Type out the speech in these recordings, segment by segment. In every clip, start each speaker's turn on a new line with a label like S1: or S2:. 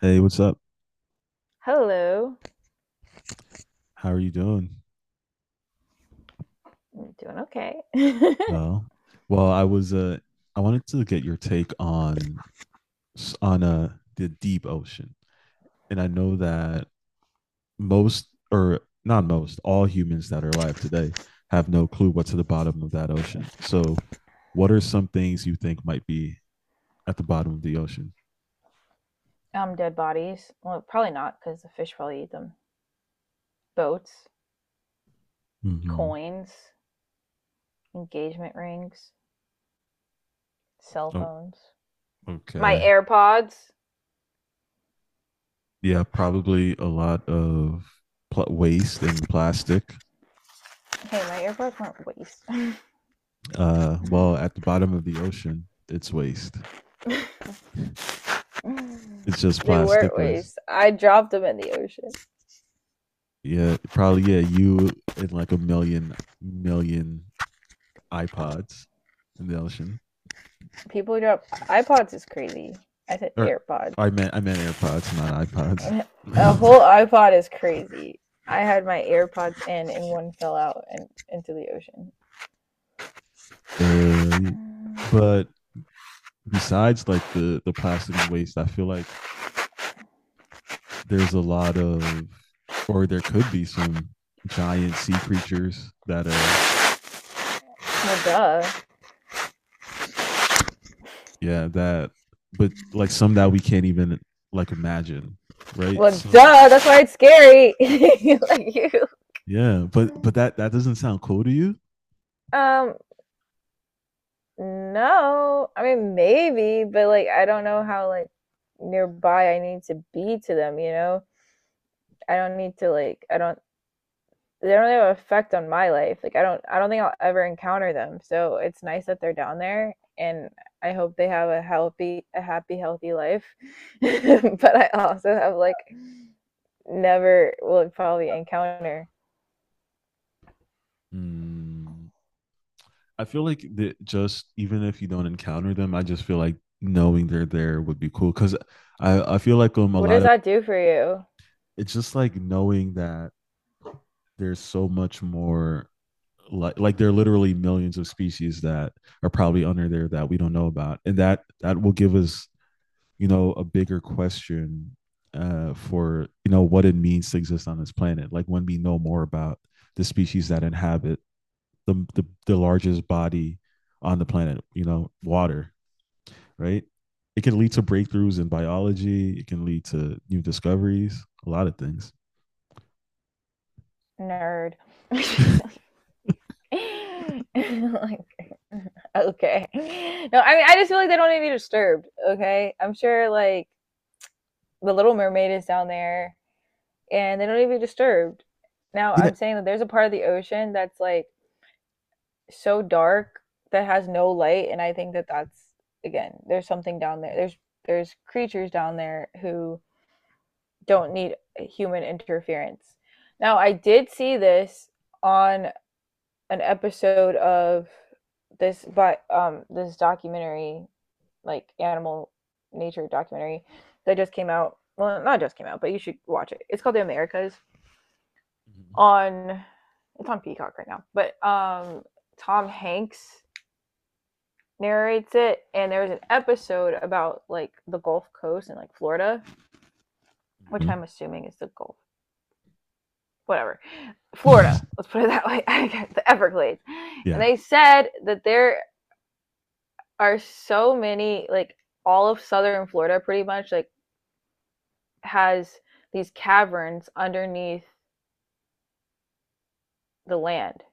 S1: Hey, what's up?
S2: Hello.
S1: How are you doing?
S2: I'm doing okay.
S1: Oh, well, I wanted to get your take on on the deep ocean. And I know that most or not most, all humans that are alive today have no clue what's at the bottom of that ocean. So, what are some things you think might be at the bottom of the ocean?
S2: Dead bodies. Well, probably not because the fish probably eat them. Boats,
S1: Hmm.
S2: coins, engagement rings, cell
S1: Oh,
S2: phones. My
S1: okay.
S2: AirPods.
S1: Yeah, probably a lot of pl waste and plastic.
S2: Hey, my AirPods weren't
S1: Well, at the bottom of the ocean, it's waste.
S2: waste.
S1: It's just
S2: They weren't
S1: plastic waste.
S2: waste. I dropped them in the ocean.
S1: Yeah, probably. Yeah, you and like a million iPods in the ocean,
S2: People drop iPods is crazy. I said
S1: or
S2: AirPods.
S1: I meant AirPods, not iPods.
S2: A whole iPod is crazy. I had my AirPods in and one fell out and into the ocean.
S1: uh, but besides like the plastic and waste, I feel like there's a lot of, or there could be some giant sea creatures that are
S2: Well, duh.
S1: yeah that, but like some that we can't even like imagine, right?
S2: Well,
S1: Some.
S2: duh, that's why it's scary. Like you.
S1: Yeah, but but that doesn't sound cool to you?
S2: Um, no. I mean, maybe, but like I don't know how like nearby I need to be to them, you know? I don't need to like I don't they don't really have an effect on my life. Like I don't think I'll ever encounter them. So it's nice that they're down there, and I hope they have a happy, healthy life. But I also have like never will probably encounter.
S1: Mm, I feel like that just even if you don't encounter them, I just feel like knowing they're there would be cool. Cause I feel like a
S2: What
S1: lot
S2: does
S1: of
S2: that do for you?
S1: it's just like knowing that there's so much more like there are literally millions of species that are probably under there that we don't know about, and that will give us you know a bigger question for you know what it means to exist on this planet. Like when we know more about the species that inhabit the largest body on the planet, you know, water, right? It can lead to breakthroughs in biology. It can lead to new discoveries. A lot of things.
S2: Nerd. Like, okay. No, I mean, I just feel like they don't need to be disturbed. Okay. I'm sure like the Little Mermaid is down there and they don't need to be disturbed. Now,
S1: Yeah.
S2: I'm saying that there's a part of the ocean that's like so dark that has no light. And I think that that's, again, there's something down there. There's creatures down there who don't need human interference. Now, I did see this on an episode of this documentary, like animal nature documentary that just came out, well not just came out, but you should watch it. It's called The Americas. On it's on Peacock right now, but Tom Hanks narrates it, and there's an episode about like the Gulf Coast and like Florida, which
S1: Mhm.
S2: I'm assuming is the Gulf, whatever. Florida, let's put it that way. The Everglades. And
S1: Yeah.
S2: they said that there are so many like all of southern Florida pretty much like has these caverns underneath the land.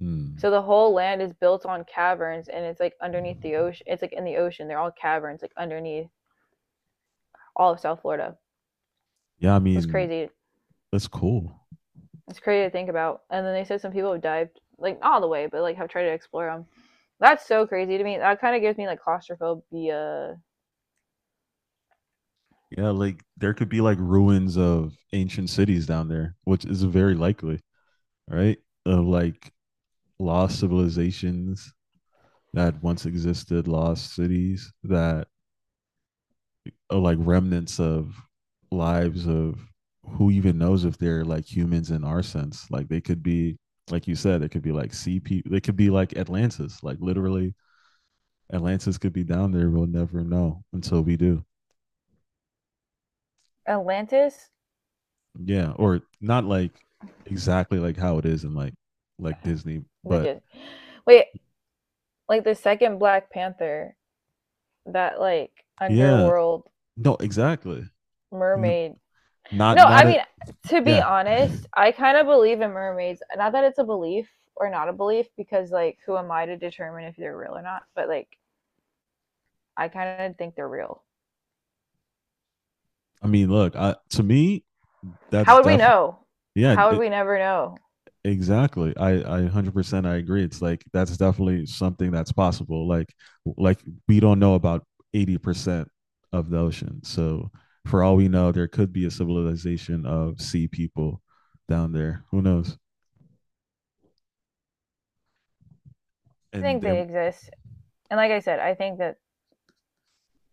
S1: Mm.
S2: So the whole land is built on caverns and it's like underneath the ocean. It's like in the ocean. They're all caverns like underneath all of South Florida.
S1: Yeah. I
S2: It's
S1: mean,
S2: crazy.
S1: that's cool.
S2: It's crazy to think about. And then they said some people have dived like not all the way, but like have tried to explore them. That's so crazy to me. That kind of gives me like claustrophobia.
S1: Yeah, like there could be like ruins of ancient cities down there, which is very likely, right? Of like lost civilizations that once existed, lost cities that are like remnants of lives of who even knows if they're like humans in our sense. Like they could be, like you said, it could be like sea people. They could be like Atlantis. Like literally, Atlantis could be down there. We'll never know until we do.
S2: Atlantis?
S1: Yeah, or not like exactly like how it is in like Disney,
S2: The
S1: but
S2: Dis- wait, like the second Black Panther, that like
S1: yeah,
S2: underworld
S1: no, exactly.
S2: mermaid.
S1: Not
S2: No, I
S1: not a,
S2: mean, to be
S1: yeah.
S2: honest, I kind of believe in mermaids. Not that it's a belief or not a belief because like who am I to determine if they're real or not? But like I kind of think they're real.
S1: I mean, look, I, to me,
S2: How
S1: that's
S2: would we
S1: def
S2: know?
S1: yeah,
S2: How would we never know?
S1: exactly. I 100% I agree. It's like that's definitely something that's possible. Like we don't know about 80% of the ocean. So for all we know, there could be a civilization of sea people down there. Who knows?
S2: I
S1: And
S2: think they
S1: they're
S2: exist. And like I said, I think that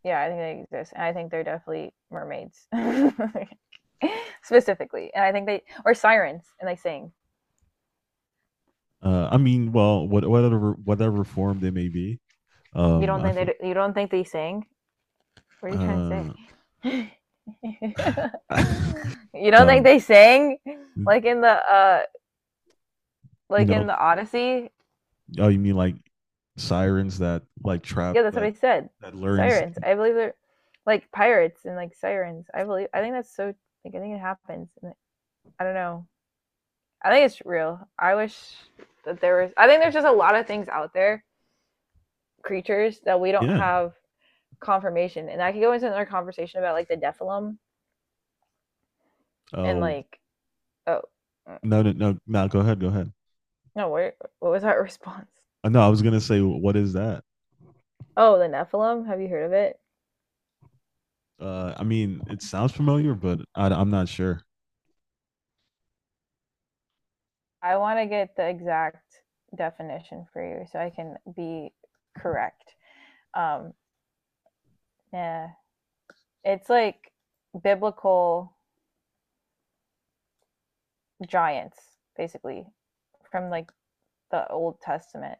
S2: yeah, I think they exist. And I think they're definitely mermaids. Specifically. And I think they or sirens and they sing.
S1: I mean, well, whatever form they may be, I feel
S2: You don't think they sing? What are you trying to
S1: uh
S2: say? You don't think
S1: no,
S2: they sang like in the
S1: you
S2: like
S1: know.
S2: in the Odyssey?
S1: Oh, you mean like sirens that like trap
S2: Yeah, that's what I said.
S1: that learns?
S2: Sirens. I believe they're like pirates and like sirens. I believe I think that's so like I think it happens. I don't know. I think it's real. I wish that there was I think there's just a lot of things out there, creatures that we don't
S1: Yeah.
S2: have confirmation. And I could go into another conversation about like the Nephilim and
S1: Oh,
S2: like oh uh,
S1: no. Go ahead. Go ahead.
S2: no, wait, what was that response?
S1: No, I was gonna say what is that?
S2: Oh, the Nephilim? Have you heard of it?
S1: I mean, it sounds familiar, but I'm not sure.
S2: I want to get the exact definition for you so I can be correct. Um, yeah, it's like biblical giants, basically, from like the Old Testament.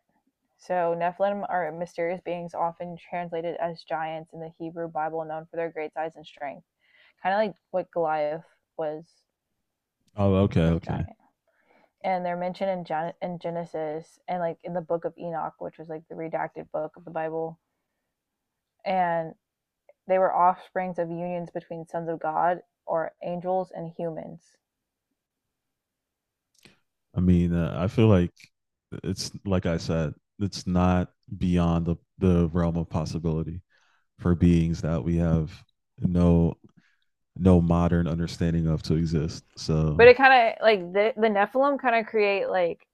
S2: So Nephilim are mysterious beings, often translated as giants in the Hebrew Bible, known for their great size and strength, kind of like what Goliath was.
S1: Oh, okay,
S2: He's a
S1: okay.
S2: giant. And they're mentioned in, Gen- in Genesis and like in the Book of Enoch, which was like the redacted book of the Bible. And they were offsprings of unions between sons of God or angels and humans.
S1: I mean, I feel like it's like I said, it's not beyond the realm of possibility for beings that we have no no modern understanding of to exist.
S2: But
S1: So,
S2: it kind of like the Nephilim kind of create like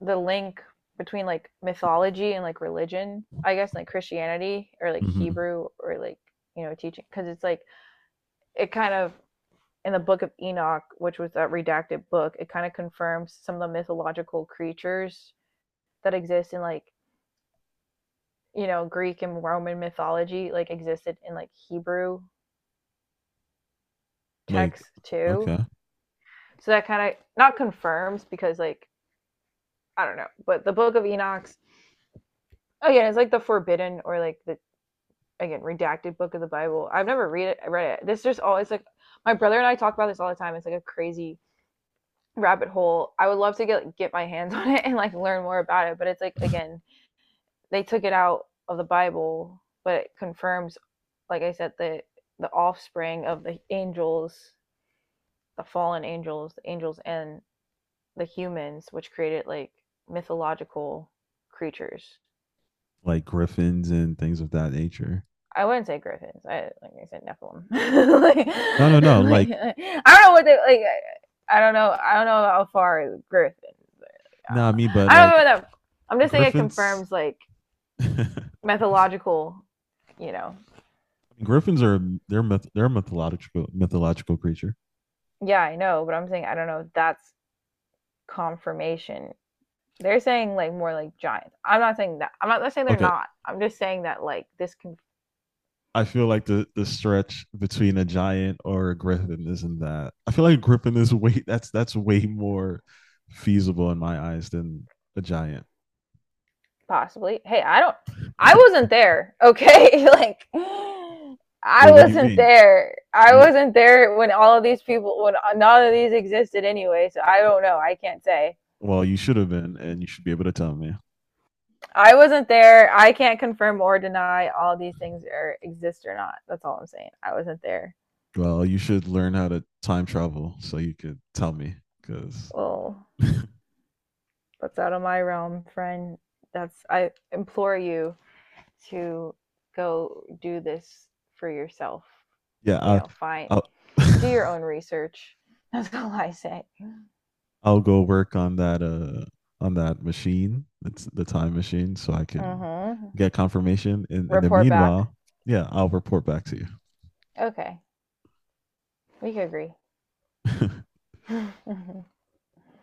S2: the link between like mythology and like religion, I guess, like Christianity or like
S1: mhm.
S2: Hebrew or like, you know, teaching. Cause it's like, it kind of in the Book of Enoch, which was that redacted book, it kind of confirms some of the mythological creatures that exist in like you know Greek and Roman mythology like existed in like Hebrew
S1: Like,
S2: texts too.
S1: okay,
S2: So that kind of not confirms because like I don't know, but the Book of Enoch, again it's like the forbidden or like the again redacted book of the Bible. I've never read it I read it. This just always like my brother and I talk about this all the time. It's like a crazy rabbit hole. I would love to get like, get my hands on it and like learn more about it, but it's like again, they took it out of the Bible, but it confirms like I said, the offspring of the angels, the fallen angels, the angels and the humans, which created like mythological creatures.
S1: like griffins and things of that nature.
S2: I wouldn't say griffins. I like I said Nephilim. like,
S1: No. Like,
S2: like, I don't know what they like. I don't know. I don't know how far griffin. I
S1: nah,
S2: don't
S1: I mean,
S2: know.
S1: but
S2: I don't
S1: like
S2: know what that. I'm just saying it
S1: griffins,
S2: confirms like mythological. You know.
S1: griffins are they're a mythological creature.
S2: Yeah, I know, but I'm saying I don't know if that's confirmation. They're saying like more like giants. I'm not saying that. I'm not saying they're
S1: Okay,
S2: not. I'm just saying that like this can
S1: I feel like the stretch between a giant or a griffin isn't that. I feel like a griffin is way that's way more feasible in my eyes than a giant.
S2: possibly. Hey, I don't. I wasn't there. Okay, like I
S1: Wait, what do you
S2: wasn't
S1: mean?
S2: there. I
S1: You
S2: wasn't there when all of these people when none of these existed anyway. So I don't know. I can't say.
S1: you should have been, and you should be able to tell me.
S2: I wasn't there. I can't confirm or deny all these things are exist or not. That's all I'm saying. I wasn't there.
S1: Well, you should learn how to time travel so you could tell me, because
S2: Well, that's out of my realm, friend. That's I implore you to go do this for yourself.
S1: Yeah,
S2: You know, find
S1: I'll,
S2: do your own research. That's all I say.
S1: I'll go work on that on that machine. It's the time machine, so I can
S2: Mm-hmm.
S1: get confirmation. In the
S2: Report back.
S1: meanwhile, yeah, I'll report back to
S2: Okay, we can
S1: you.
S2: agree.